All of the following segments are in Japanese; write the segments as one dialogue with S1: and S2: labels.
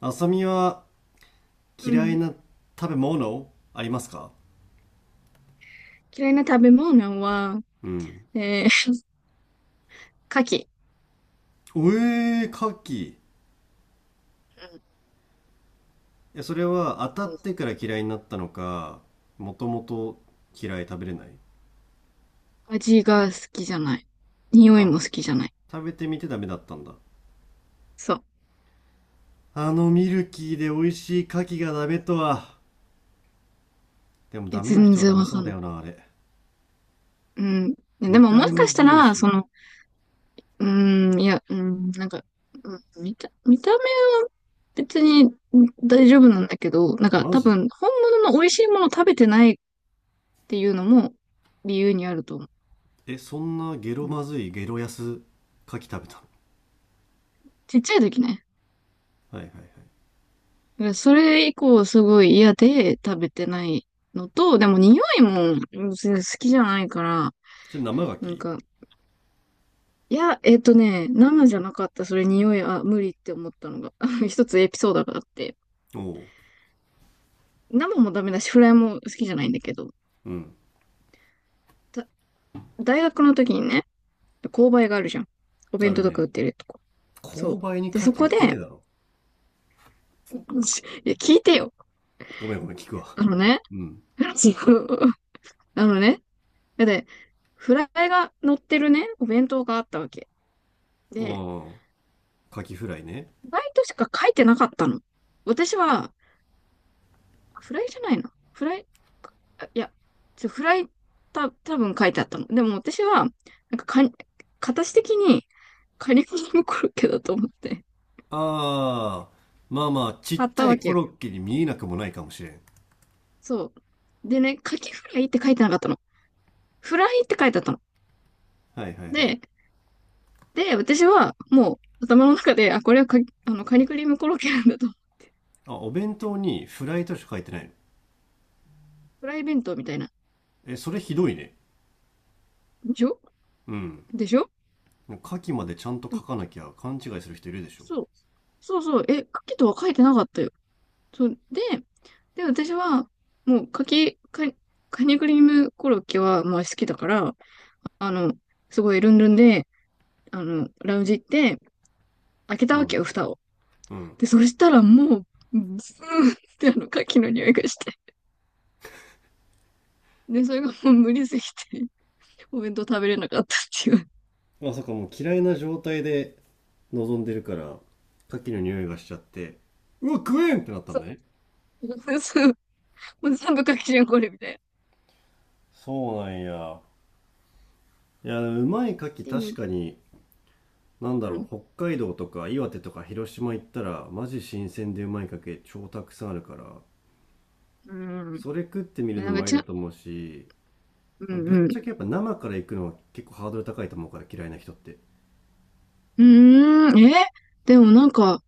S1: あさみは
S2: う
S1: 嫌い
S2: ん。
S1: な食べ物ありますか？
S2: 嫌いな食べ物は、
S1: うん。
S2: えー、牡蠣。
S1: おえー、牡蠣。え、それは
S2: う
S1: 当
S2: ん、
S1: た
S2: うん。
S1: ってから嫌いになったのか、もともと嫌い食べれない？
S2: 味が好きじゃない。匂い
S1: あ、
S2: も好きじゃない。
S1: 食べてみてダメだったんだ。
S2: そう。
S1: あのミルキーで美味しい牡蠣がダメとは。でも
S2: い
S1: ダ
S2: や、
S1: メな
S2: 全
S1: 人は
S2: 然
S1: ダメ
S2: わ
S1: そ
S2: か
S1: う
S2: ん
S1: だ
S2: ない。
S1: よな、あれ。
S2: うん。で
S1: 見
S2: も
S1: た
S2: も
S1: 目
S2: しか
S1: も
S2: した
S1: 黒い
S2: ら、
S1: し。
S2: うん、いや、うん、なんか、見た目は別に大丈夫なんだけど、なんか
S1: マ
S2: 多
S1: ジ？
S2: 分、本物の美味しいものを食べてないっていうのも理由にあると思う。
S1: え、そんなゲ
S2: う
S1: ロ
S2: ん、
S1: まずいゲロ安牡蠣食べた
S2: ちっちゃい時ね。
S1: のはいはいはい。
S2: だからそれ以降すごい嫌で食べてないのと、でも匂いも別に好きじゃないから、
S1: それ生牡
S2: なん
S1: 蠣？
S2: か、生じゃなかった、それ匂い、あ、無理って思ったのが、一つエピソードがあって、
S1: おお。
S2: 生もダメだし、フライも好きじゃないんだけど、
S1: う。うん。
S2: だ大学の時にね、購買があるじゃん。お
S1: あ
S2: 弁
S1: る
S2: 当とか
S1: ね。
S2: 売ってるとこ。そ
S1: 購
S2: う。
S1: 買に
S2: で、
S1: 牡
S2: そ
S1: 蠣売
S2: こ
S1: っ
S2: で、
S1: てねえだろ。
S2: しいや、聞いてよ。
S1: ごめんごめん、聞くわ。
S2: あのね、
S1: うん。
S2: あのね、だって、フライが乗ってるね、お弁当があったわけ。
S1: あ
S2: で、
S1: あ、牡蠣フライね。
S2: フライトしか書いてなかったの。私は、フライじゃないな。フライ、あいや、ちょ、フライ、た、多分書いてあったの。でも私は、なんかか、形的に、カリフォルニアコロッケだと思って、
S1: ああ、まあまあ、ちっ
S2: 買っ
S1: ち
S2: た
S1: ゃ
S2: わ
S1: い
S2: け
S1: コ
S2: よ。
S1: ロッケに見えなくもないかもしれん。
S2: そう。でね、カキフライって書いてなかったの。フライって書いてあったの。
S1: はいはいはい。
S2: で、で、私は、もう、頭の中で、あ、これはか、あの、カニクリームコロッケなんだと。
S1: あ、お弁当にフライとしか書いてないの？
S2: フライ弁当みたいな。
S1: え、それひどいね。
S2: でしょ？
S1: うん。
S2: でしょ？
S1: 牡蠣までちゃんと
S2: でも、
S1: 書かなきゃ勘違いする人いるでしょ。
S2: そう。そうそう。え、カキとは書いてなかったよ。そう。で、で、私は、もう、かき、か、カニクリームコロッケは、まあ、好きだから、あの、すごいルンルンで、あの、ラウンジ行って、開けた
S1: う
S2: わけ
S1: ん。
S2: よ、蓋を。
S1: うん。
S2: で、そしたらもう、ズーンって、あの、カキの匂いがして。で、それがもう無理すぎて、お弁当食べれなかったっていう。
S1: まさかもう嫌いな状態で望んでるから、牡蠣の匂いがしちゃって、うわ、食えんってなったの
S2: そう。
S1: ね。
S2: そう。もう全部カキじゃん、これ、みたいな。っ
S1: そうなんや。いや、うまい牡蠣
S2: てい
S1: 確
S2: う。
S1: かに
S2: うん。
S1: 北海道とか岩手とか広島行ったらマジ新鮮でうまいかけ超たくさんあるから、
S2: うん。
S1: それ食ってみる
S2: で
S1: の
S2: なん
S1: も
S2: か、
S1: あり
S2: ち
S1: だ
S2: ゃ、
S1: と思うし、
S2: うん
S1: ぶっ
S2: う
S1: ち
S2: ん。
S1: ゃけやっぱ生から行くのは結構ハードル高いと思うから、嫌いな人って。
S2: うーん、えでもなんか、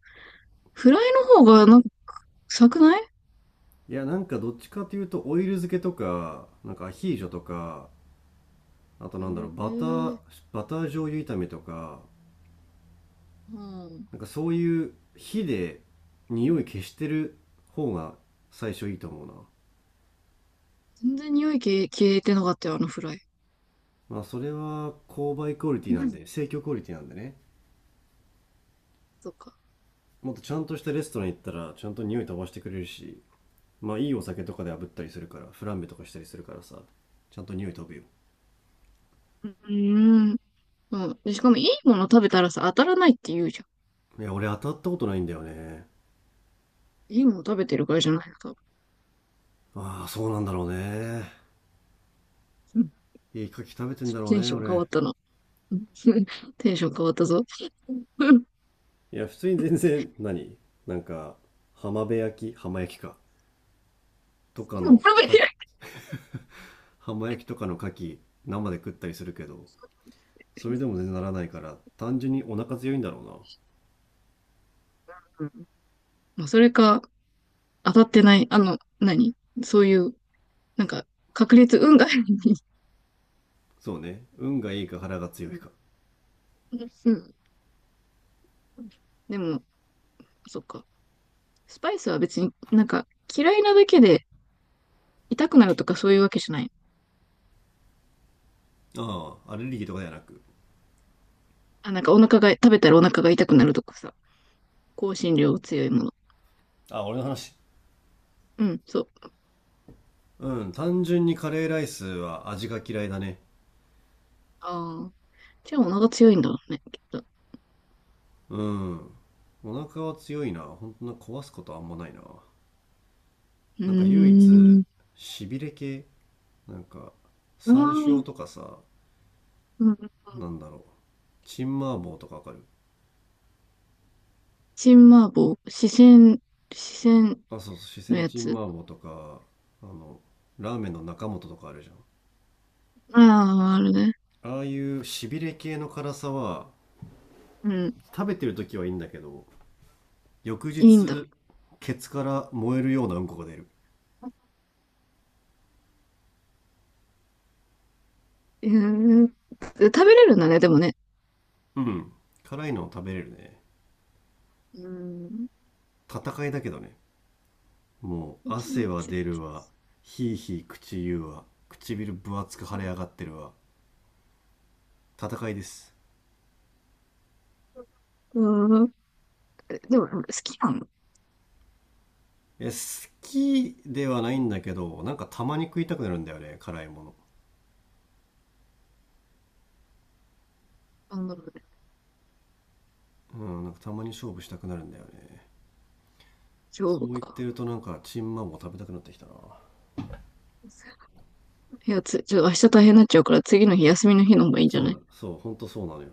S2: フライの方が、なんか、臭くない？
S1: いや、どっちかというとオイル漬けとかアヒージョとか、あと
S2: へえ
S1: バター
S2: ー、
S1: バター醤油炒めとか、
S2: うん。
S1: なんかそういう火で匂い消してる方が最初いいと思うな。
S2: 全然匂い消え、消えてなかったよ、あのフライ。
S1: まあそれは購買クオリテ
S2: う
S1: ィなん
S2: ん。
S1: で、生協クオリティなんでね。
S2: そっか。
S1: もっとちゃんとしたレストラン行ったらちゃんと匂い飛ばしてくれるし、まあいいお酒とかで炙ったりするからフランベとかしたりするからさ、ちゃんと匂い飛ぶよ。
S2: うーん。うん。で、しかもいいもの食べたらさ、当たらないって言うじゃ
S1: いや俺当たったことないんだよね。
S2: ん。いいもの食べてるからじゃないの、多分。
S1: ああそうなんだろうね。
S2: うん。
S1: いいカキ食べてんだろ
S2: テ
S1: う
S2: ン
S1: ね
S2: ション変
S1: 俺。
S2: わったな。うん テンション変わったぞ。うん。
S1: いや普通に全然何、なんか浜辺焼き、浜焼きか、とかの牡蠣、浜焼きとかの牡蠣、生で食ったりするけど、それでも全然ならないから単純にお腹強いんだろうな。
S2: うんうん、まあ、それか、当たってない、そういう、なんか、確率、運が。
S1: そうね、運がいいか腹が強い
S2: うん。
S1: か。
S2: うん、でも、そっか。スパイスは別になんか、嫌いなだけで痛くなるとかそういうわけじゃない？
S1: ああ、アレルギーとかではなく。
S2: あ、なんかお腹が、食べたらお腹が痛くなるとかさ。香辛料強いもの。
S1: あ、俺の話。
S2: うん、そう。
S1: うん、単純にカレーライスは味が嫌いだね。
S2: ああ。じゃあお腹強いんだろうね、きっと。う
S1: うん、お腹は強いな、本当な。壊すことあんまないな。
S2: ー
S1: なんか唯一
S2: ん。
S1: しびれ系、なんか
S2: う
S1: 山
S2: ー
S1: 椒
S2: ん。
S1: とかさ、
S2: うん。
S1: なんだろうチンマーボーとかわかる？
S2: 新麻婆、四川、四川
S1: あ、そうそう、四
S2: の
S1: 川
S2: や
S1: チン
S2: つ。
S1: マーボーとか、あのラーメンの中本とかあるじ
S2: ああ、あるね。
S1: ゃん。ああいうしびれ系の辛さは
S2: うん。
S1: 食べてる時はいいんだけど、翌
S2: いいんだ。
S1: 日ケツから燃えるようなうんこが出る。
S2: うーん。食べれるんだね、でもね。
S1: うん、辛いの食べれるね。
S2: うーん。
S1: 戦いだけどね。もう
S2: 全
S1: 汗は
S2: 然。
S1: 出るわ、ひいひい口言うわ、唇分厚く腫れ上がってるわ、戦いです。
S2: うーん。でも、好きなの？
S1: いや、好きではないんだけど、なんかたまに食いたくなるんだよね、辛いもの。
S2: なんだろうね。
S1: うん、なんかたまに勝負したくなるんだよね。
S2: 丈
S1: そ
S2: 夫
S1: う言って
S2: か。
S1: ると、なんかチンマンも食べたくなってきたな。
S2: いや、つ、ちょ、明日大変になっちゃうから、次の日休みの日の方がいいんじゃ
S1: そ
S2: な
S1: う
S2: い？
S1: だ、そう、ほんとそうなのよ。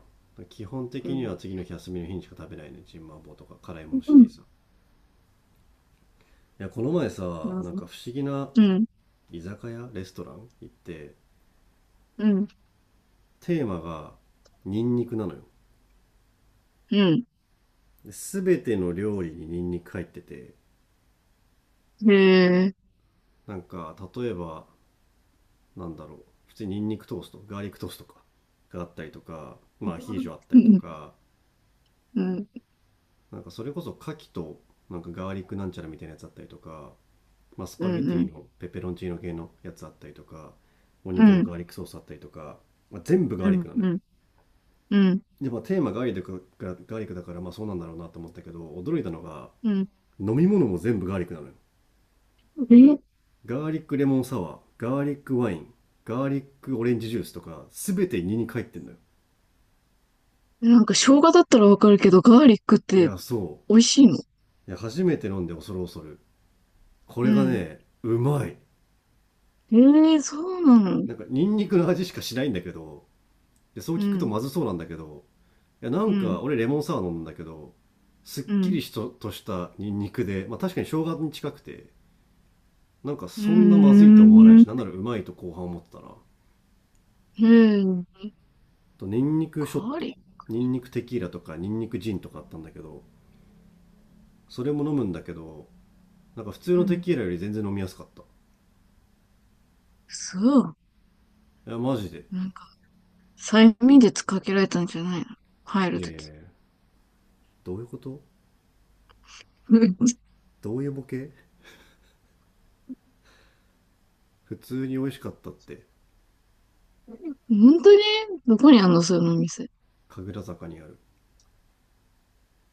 S1: 基本
S2: う
S1: 的には
S2: ん。
S1: 次の日休みの日にしか食べないね、チンマンボウとか辛いもの
S2: う
S1: シリー
S2: ん。
S1: ズは。いやこの前さ、
S2: なる
S1: なん
S2: ほど。
S1: か不思議な
S2: うん。
S1: 居酒屋レストラン行って、
S2: うん。
S1: テーマがニンニクなのよ。
S2: うん。
S1: で全ての料理にニンニク入ってて、
S2: へえ。
S1: なんか例えば、なんだろう普通にニンニクトースト、ガーリックトーストとかがあったりとか、まあアヒージョあった
S2: う
S1: りと
S2: ん。
S1: か、
S2: うん。
S1: なんかそれこそ牡蠣となんかガーリックなんちゃらみたいなやつあったりとか、まあ、ス
S2: う
S1: パゲティ
S2: ん。
S1: のペペロンチーノ系のやつあったりとか、お
S2: う
S1: 肉の
S2: ん。
S1: ガーリックソースあったりとか、まあ、全部ガー
S2: う
S1: リック
S2: ん。
S1: なのよ。
S2: うん。うん。うん
S1: でまあテーマガーリックだからガーリックだからまあそうなんだろうなと思ったけど、驚いたのが
S2: うん、
S1: 飲み物も全部ガーリックなのよ。ガーリックレモンサワー、ガーリックワイン、ガーリックオレンジジュースとか全て2に入ってんのよ。
S2: え、なんか生姜だったらわかるけど、ガーリックっ
S1: い
S2: て
S1: やそ
S2: 美味しいの？
S1: う、いや初めて飲んで恐る恐る、こ
S2: う
S1: れが
S2: ん。
S1: ねうまい。
S2: ええ、そうなの？
S1: なんかニンニクの味しかしないんだけど、でそう
S2: う
S1: 聞くと
S2: ん。
S1: まずそうなんだけど、いやな
S2: う
S1: ん
S2: ん。
S1: か俺レモンサワー飲むんだけど、すっ
S2: う
S1: き
S2: ん。
S1: りしととしたニンニクで、まあ、確かに生姜に近くて、なんか
S2: うー
S1: そんなまずいと思わない
S2: ん。
S1: し、なんならうまいと後半思ってたな。
S2: へえ。
S1: とニンニク
S2: ガ
S1: ショッ
S2: ーリ
S1: ト、
S2: ッ
S1: ニンニクテキーラとかニンニクジンとかあったんだけど、それも飲むんだけど、なんか普通
S2: ク。う
S1: のテ
S2: ん。
S1: キーラより全然飲みやすかった。
S2: そう。
S1: いやマジで。
S2: なんか、催眠術かけられたんじゃないの？入
S1: い
S2: る
S1: やい
S2: と
S1: やいや、
S2: き。
S1: どういうこと？
S2: うん。
S1: どういうボケ？普通に美味しかったって。
S2: 本当に？どこにあんの、その店。
S1: 神楽坂にある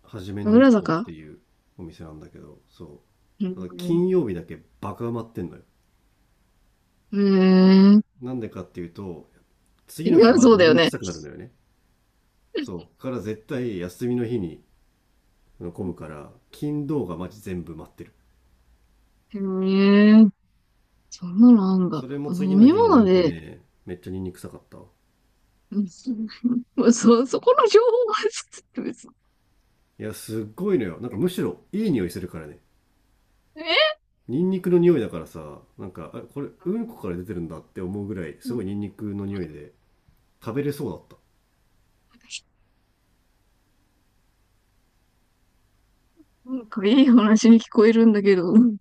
S1: はじめの
S2: 神
S1: 一
S2: 楽
S1: 歩っ
S2: 坂。
S1: ていうお店なんだけど、そ
S2: う
S1: うただ
S2: ん。
S1: 金曜日だけバカ埋まってんのよ。
S2: へ
S1: なんでかっていうと、
S2: え。
S1: 次
S2: い
S1: の日
S2: や、
S1: マジ
S2: そう
S1: ニ
S2: だ
S1: ン
S2: よ
S1: ニク
S2: ね。
S1: 臭くなるのよね。そうから絶対休みの日に混むから、金土がマジ全部待ってる。
S2: へえ。そんなのあんだ。
S1: それも次
S2: 飲
S1: の
S2: み
S1: 日のう
S2: 物
S1: んこ
S2: で、
S1: ね、めっちゃニンニク臭かった。
S2: うん そ、そこの情報は、別に。
S1: いや、すっごいのよ。なんかむしろいい匂いするからね。
S2: え、
S1: ニンニクの匂いだからさ、なんか、あこれうん
S2: な
S1: こから出てるんだって思うぐらい、
S2: ん
S1: すご
S2: か
S1: いニンニクの匂いで食べれそうだった。
S2: なんかいい話に聞こえるんだけど、うん。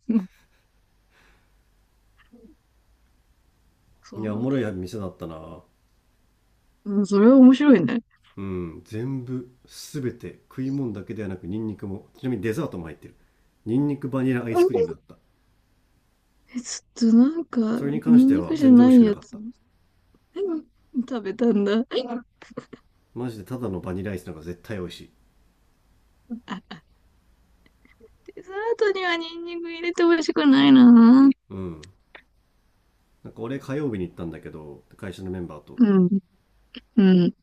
S2: そ
S1: い
S2: う
S1: や、
S2: な
S1: お
S2: ん
S1: もろい
S2: だ。
S1: 店だったな。
S2: うん、それは面白いね。
S1: うん、全部、すべて、食い物だけではなくニンニクも、ちなみにデザートも入ってる。ニンニクバニラアイスクリームだった。
S2: え、ちょっとなんか、
S1: それに関し
S2: ニン
S1: て
S2: ニ
S1: は
S2: クじゃ
S1: 全然美味
S2: な
S1: し
S2: い
S1: くな
S2: や
S1: かっ
S2: つ、
S1: た。
S2: うん、食べたんだ。デ
S1: マジでただのバニラアイスなんか絶対美味しい。
S2: ザートにはニンニク入れてほしくないな。
S1: うん。なんか俺火曜日に行ったんだけど、会社のメンバーと。
S2: うん、うん。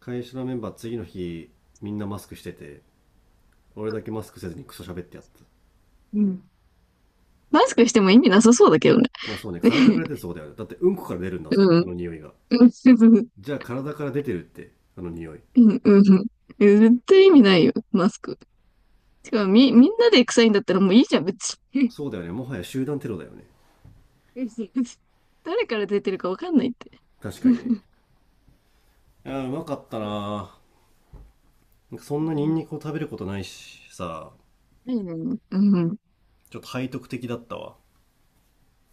S1: 会社のメンバー次の日みんなマスクしてて、俺だけマスクせずにクソ喋ってやった。
S2: うん。マスクしても意味なさそうだけどね。
S1: まあそうね、体から出てる そうだよね。だってうんこから出るんだぜ
S2: う
S1: あ
S2: ん。
S1: の匂いが。
S2: うん。
S1: じゃあ体から出てるってあの匂い。
S2: うん。うん。絶対意味ないよ、マスク。しかもみんなで臭いんだったらもういいじゃん、別
S1: そうだよね、もはや集団テロだよね。
S2: に。誰から出てるかわかんないって。
S1: 確かにね。あー、うまかったなー。なんかそ
S2: う
S1: んなニンニ
S2: ん。
S1: クを食べることないしさ、
S2: ないね。うん。
S1: ちょっと背徳的だったわ。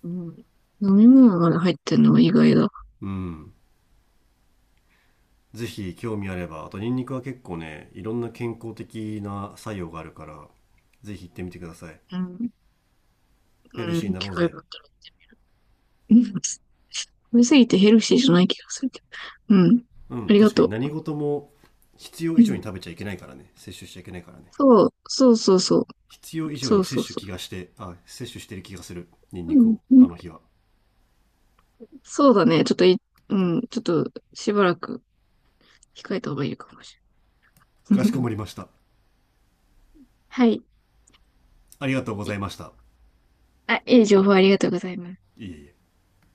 S2: うん。飲み物まで入ってんのは意外だ。
S1: うん、ぜひ興味あれば、あとニンニクは結構ね、いろんな健康的な作用があるから、ぜひ行ってみてください。
S2: うん。
S1: ヘル
S2: う
S1: シーに
S2: ん。
S1: な
S2: 機
S1: ろう
S2: 械
S1: ぜ。
S2: だったら。うん、食べ過ぎてヘルシーじゃない気がするけど。うん。
S1: うん、
S2: ありが
S1: 確かに
S2: と
S1: 何事も必要
S2: う。
S1: 以
S2: う
S1: 上に
S2: ん。
S1: 食べちゃいけないからね、摂取しちゃいけないからね。
S2: そう、そうそうそう。
S1: 必要以上
S2: そ
S1: に
S2: うそ
S1: 摂
S2: う
S1: 取
S2: そ
S1: 気がして、あ、摂取してる気がする、ニン
S2: う。う
S1: ニク
S2: ん。
S1: を
S2: う
S1: あ
S2: ん。
S1: の日は。
S2: そうだね。ちょっとい、うん、ちょっとしばらく控えた方がいいかもしれ
S1: か
S2: な
S1: しこ
S2: い。
S1: ま りました。
S2: はい。
S1: ありがとうござ
S2: い
S1: いました。
S2: あ、いい情報ありがとうございます。
S1: いえいえ。